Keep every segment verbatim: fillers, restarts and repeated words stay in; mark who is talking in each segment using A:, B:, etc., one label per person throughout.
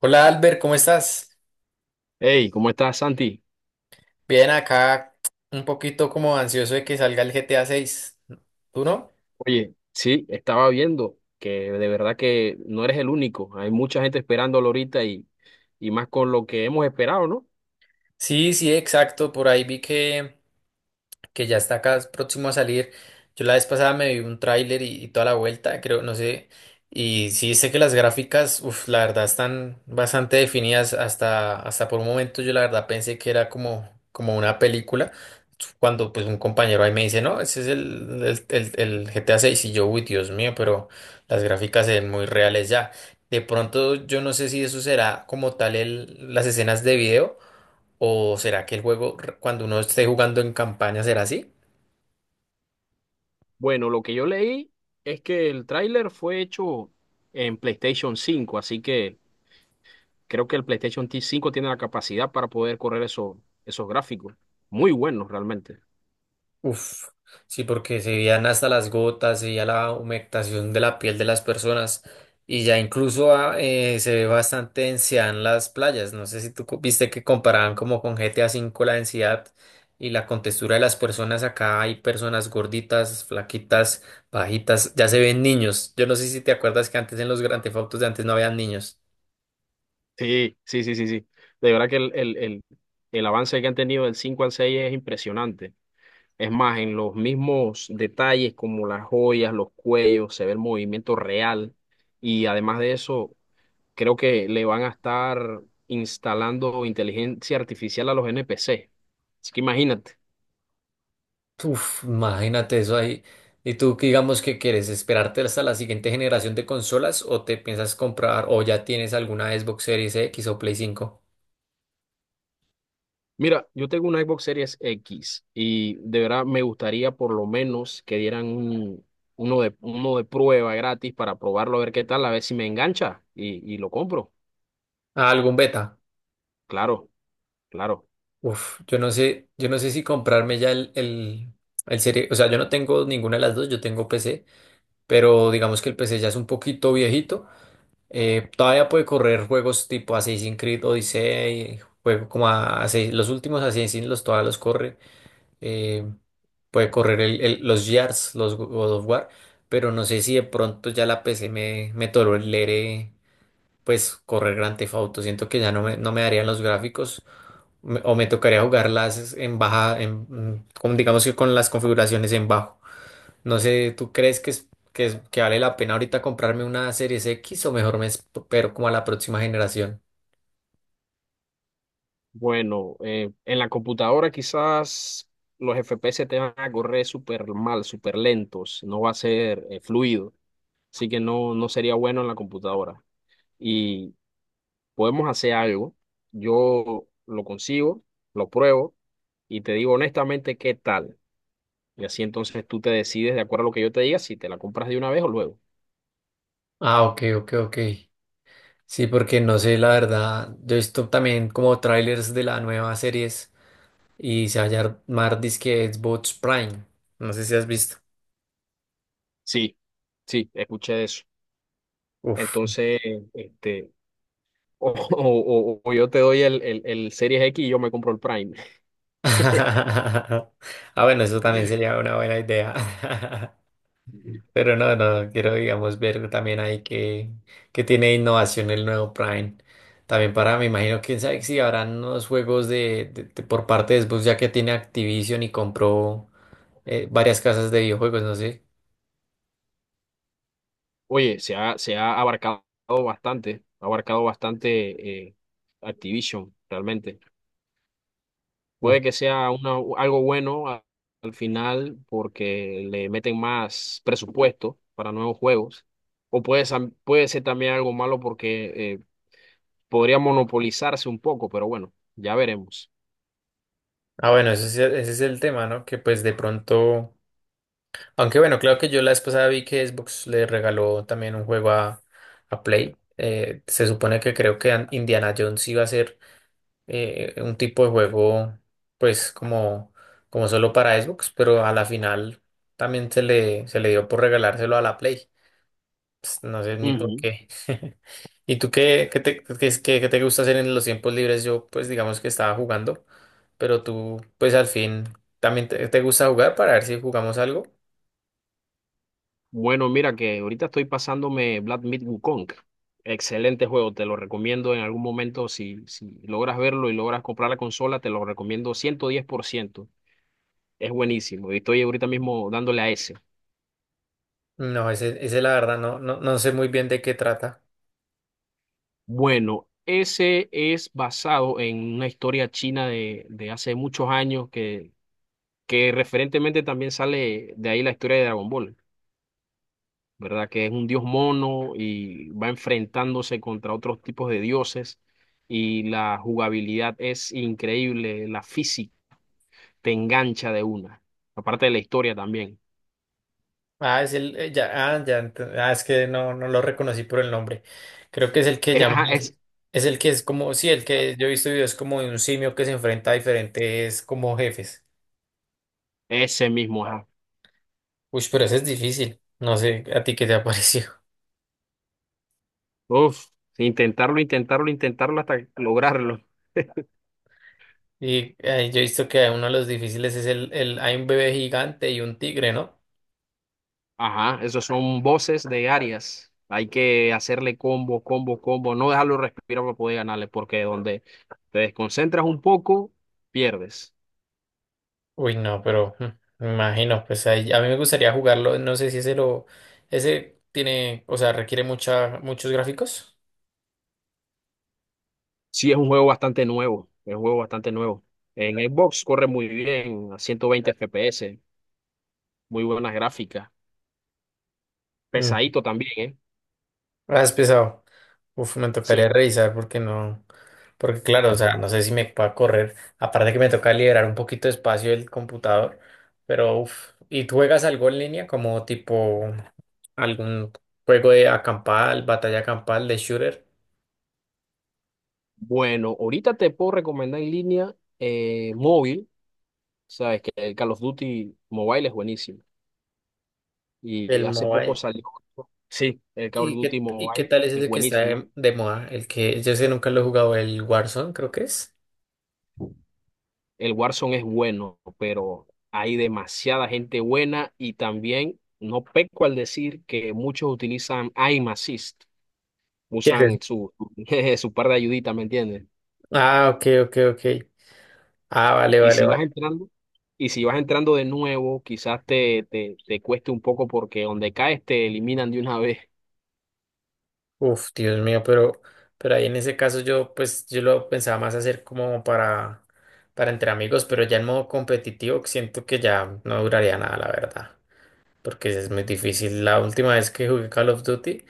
A: Hola Albert, ¿cómo estás?
B: Hey, ¿cómo estás, Santi?
A: Bien, acá un poquito como ansioso de que salga el G T A seis. ¿Tú no?
B: Oye, sí, estaba viendo que de verdad que no eres el único. Hay mucha gente esperándolo ahorita y, y más con lo que hemos esperado, ¿no?
A: Sí, sí, exacto. Por ahí vi que que ya está acá próximo a salir. Yo la vez pasada me vi un tráiler y, y toda la vuelta, creo, no sé. Y sí sé que las gráficas, uff, la verdad están bastante definidas. Hasta, hasta por un momento yo la verdad pensé que era como, como una película. Cuando pues un compañero ahí me dice, no, ese es el, el, el, el G T A seis y yo, uy, Dios mío, pero las gráficas se ven muy reales ya. De pronto yo no sé si eso será como tal el, las escenas de video o será que el juego r- cuando uno esté jugando en campaña será así.
B: Bueno, lo que yo leí es que el tráiler fue hecho en PlayStation cinco, así que creo que el PlayStation T cinco tiene la capacidad para poder correr eso- esos gráficos. Muy buenos, realmente.
A: Uf, sí, porque se veían hasta las gotas, se veía la humectación de la piel de las personas y ya incluso ah, eh, se ve bastante densidad en las playas. No sé si tú co- viste que comparaban como con G T A cinco la densidad y la contextura de las personas. Acá hay personas gorditas, flaquitas, bajitas, ya se ven niños. Yo no sé si te acuerdas que antes en los Grand Theft Autos de antes no habían niños.
B: Sí, sí, sí, sí, sí. De verdad que el, el, el, el avance que han tenido del cinco al seis es impresionante. Es más, en los mismos detalles como las joyas, los cuellos, se ve el movimiento real y además de eso, creo que le van a estar instalando inteligencia artificial a los N P C Así que imagínate.
A: Uf, imagínate eso ahí. ¿Y tú qué digamos que quieres? ¿Esperarte hasta la siguiente generación de consolas o te piensas comprar o ya tienes alguna Xbox Series X o Play cinco?
B: Mira, yo tengo una Xbox Series X y de verdad me gustaría por lo menos que dieran un- uno de, uno de prueba gratis para probarlo, a ver qué tal, a ver si me engancha y, y lo compro.
A: Ah, algún beta.
B: Claro, claro.
A: Uf, yo no sé, yo no sé si comprarme ya el, el, el serie, o sea, yo no tengo ninguna de las dos, yo tengo P C, pero digamos que el P C ya es un poquito viejito. Eh, todavía puede correr juegos tipo Assassin's Creed Odyssey, juego como a, Assassin- los últimos Assassin's los todavía los corre. eh, Puede correr el- el- los yards, los God of War, pero no sé si de pronto ya la P C me, me tolere pues correr Grand Theft Auto. Siento que ya no me, no me darían los gráficos me- o me tocaría jugarlas en baja, en, mm, con- digamos que con las configuraciones en bajo. No sé, ¿tú crees que es, que es- que vale la pena ahorita comprarme una Series X o mejor me espero como a la próxima generación?
B: Bueno, eh, en la computadora quizás los F P S te van a correr súper mal, súper lentos, no va a ser eh, fluido, así que no, no sería bueno en la computadora. Y podemos hacer algo, yo lo consigo, lo pruebo y te digo honestamente qué tal. Y así entonces tú te decides de acuerdo a lo que yo te diga si te la compras de una vez o luego.
A: Ah, ok, ok, ok. Sí, porque no sé, la verdad, yo he visto también como trailers de la nueva series y se va a llamar disque Xbox Prime. No sé si has visto.
B: Sí, sí, escuché eso.
A: Uf.
B: Entonces, este, o, o- o- o yo te doy el, el, el Series X y yo me compro el Prime.
A: Ah, bueno, eso también sería una buena idea. Pero no, no, quiero, digamos, ver también ahí que, que tiene innovación el nuevo Prime. También para, me imagino, quién sabe si habrán unos juegos de, de- de- por parte de Xbox, ya que tiene Activision y compró eh, varias casas de videojuegos, no sé.
B: Oye, se ha, se ha abarcado bastante, ha abarcado bastante eh, Activision, realmente.
A: Uf.
B: Puede que sea una- algo bueno a- al final porque le meten más presupuesto para nuevos juegos, o puede, sam- puede ser también algo malo porque eh, podría monopolizarse un poco, pero bueno, ya veremos.
A: Ah, bueno, ese es, el- ese es el tema, ¿no? Que pues de pronto. Aunque bueno, claro que yo la vez pasada vi que Xbox le regaló también un juego a, a Play. Eh, se supone que creo que an- Indiana Jones iba a ser eh, un tipo de juego, pues como, como solo para Xbox, pero a la final también se le, se le dio por regalárselo a la Play. Pues, no sé ni por qué. ¿Y tú qué, qué te, qué es- qué- qué te gusta hacer en los tiempos libres? Yo, pues digamos que estaba jugando, pero tú, pues al fin, también te, te gusta jugar para ver si jugamos algo.
B: Bueno, mira que ahorita estoy pasándome Black Myth Wukong. Excelente juego, te lo recomiendo en algún momento. Si, si logras verlo y logras comprar la consola, te lo recomiendo ciento diez por ciento. Es buenísimo. Y estoy ahorita mismo dándole a ese.
A: No, ese, ese la verdad no, no, no sé muy bien de qué trata.
B: Bueno, ese es basado en una historia china de, de hace muchos años que, que referentemente también sale de ahí la historia de Dragon Ball. ¿Verdad? Que es un dios mono y va enfrentándose contra otros tipos de dioses y la jugabilidad es increíble, la física te engancha de una, aparte de la historia también.
A: Ah, es el, eh, ya, ah, ya, ent- ah, Es que no, no lo reconocí por el nombre. Creo que es el que
B: Es,
A: llaman
B: ajá,
A: así.
B: es
A: Es el que es como, sí, el que yo he visto videos como de un simio que se enfrenta a diferentes como jefes.
B: ese mismo, ajá.
A: Uy, pero ese es difícil. No sé a ti qué te ha parecido.
B: Uf, intentarlo, intentarlo, intentarlo hasta lograrlo.
A: Y eh, yo he visto que uno de los difíciles es el, el, hay un bebé gigante y un tigre, ¿no?
B: Ajá, esos son voces de áreas. Hay que hacerle combo, combo, combo, no dejarlo respirar para poder ganarle, porque donde te desconcentras un poco, pierdes.
A: Uy, no, pero mm, me imagino, pues ahí- a mí me gustaría jugarlo, no sé si ese lo, ese tiene, o sea, requiere mucha, muchos gráficos.
B: Sí, es un juego bastante nuevo, es un juego bastante nuevo. En Xbox corre muy bien, a ciento veinte F P S, muy buenas gráficas,
A: Mm.
B: pesadito también, ¿eh?
A: Ah, es pesado. Uf, me tocaría
B: Sí.
A: revisar porque no, porque claro, o sea, no sé si me pueda correr, aparte que me toca liberar un poquito de espacio del computador, pero uf, ¿y tú juegas algo en línea como tipo algún juego de acampada, batalla campal, de shooter,
B: Bueno, ahorita te puedo recomendar en línea eh, móvil, sabes que el Call of Duty Mobile es buenísimo. Y
A: el
B: hace poco
A: mobile?
B: salió, sí, el Call of
A: ¿Y
B: Duty
A: qué, y qué
B: Mobile
A: tal es
B: es
A: ese que está
B: buenísimo.
A: de, de moda? El que yo sé nunca lo he jugado, el Warzone, creo que es.
B: El Warzone es bueno, pero hay demasiada gente buena y también no peco al decir que muchos utilizan aim assist.
A: ¿Qué es eso?
B: Usan su, jeje, su par de ayuditas, ¿me entiendes?
A: Ah, ok, ok, ok. Ah, vale,
B: Y
A: vale,
B: si vas
A: vale.
B: entrando, y si vas entrando de nuevo, quizás te, te, te cueste un poco porque donde caes te eliminan de una vez.
A: Uf, Dios mío, pero, pero ahí en ese caso yo, pues, yo lo pensaba más hacer como para, para entre amigos, pero ya en modo competitivo siento que ya no duraría nada, la verdad. Porque es muy difícil. La última vez que jugué Call of Duty.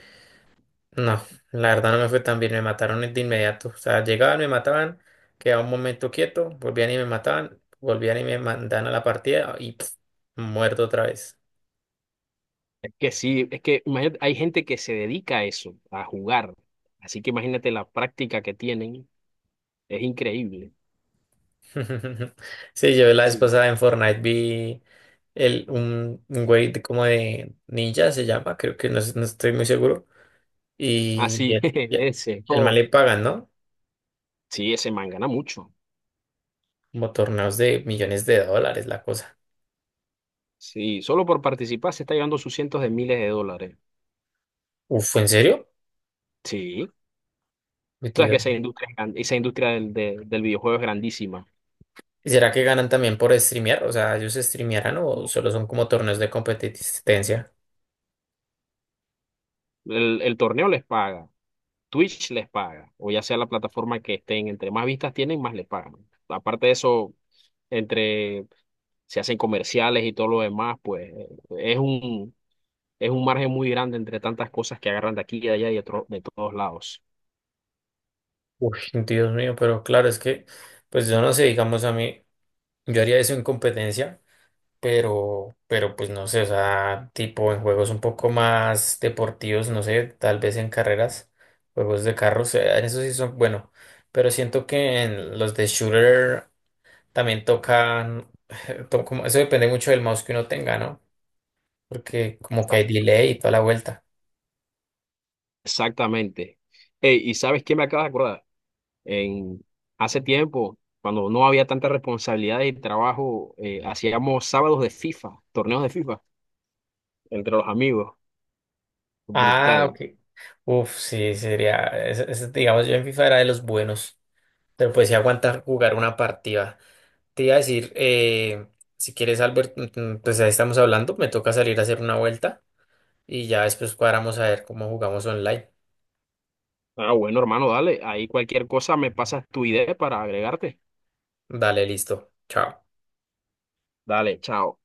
A: No, la verdad no me fue tan bien, me mataron de inmediato. O sea, llegaban, me mataban, quedaba un momento quieto, volvían y me mataban, volvían y me mandaban a la partida y pf, muerto otra vez.
B: Es que sí, es que imagínate, hay gente que se dedica a eso, a jugar. Así que imagínate la práctica que tienen, es increíble.
A: Sí, yo la vez
B: Sí.
A: pasada en Fortnite vi el, un, un güey de- como de ninja, se llama, creo que no, es- no estoy muy seguro. Y, y
B: Así,
A: el, y el
B: ese,
A: el man
B: oh,
A: le pagan, ¿no?
B: sí, ese man gana mucho.
A: Como torneos de millones de dólares, la cosa.
B: Sí, solo por participar se está llevando sus cientos de miles de dólares.
A: Uf, ¿en serio?
B: Sí. Tú sabes que
A: Metido.
B: esa industria, es gran- esa industria del, de- del videojuego es grandísima.
A: ¿Y será que ganan también por streamear? O sea, ¿ellos streamearán o solo son como torneos de competencia?
B: El, el torneo les paga, Twitch les paga, o ya sea la plataforma que estén, entre más vistas tienen, más les pagan. Aparte de eso, entre se hacen comerciales y todo lo demás, pues eh, es un, es un margen muy grande entre tantas cosas que agarran de aquí y de allá y de, tro- de todos lados.
A: Uy, Dios mío, pero claro, es que, pues yo no sé, digamos a mí, yo haría eso en competencia, pero, pero pues no sé, o sea, tipo en juegos un poco más deportivos, no sé, tal vez en carreras, juegos de carros, eh, en eso sí son, bueno, pero siento que en los de shooter también tocan, to- como- eso depende mucho del mouse que uno tenga, ¿no? Porque como que
B: Sa-
A: hay delay y toda la vuelta.
B: Exactamente. Ey, ¿y sabes qué me acaba de acordar? En, hace tiempo, cuando no había tanta responsabilidad y trabajo, eh, hacíamos sábados de FIFA, torneos de FIFA entre los amigos.
A: Ah,
B: Brutal.
A: ok. Uf, sí, sería. ese- ese, digamos, yo en FIFA era de los buenos, pero pues sí aguantar jugar una partida. Te iba a decir, eh, si quieres, Albert, mm, mm, pues ahí estamos hablando, me toca salir a hacer una vuelta y ya después cuadramos a ver cómo jugamos online.
B: Ah, bueno, hermano, dale. Ahí cualquier cosa me pasas tu idea para agregarte.
A: Dale, listo. Chao.
B: Dale, chao.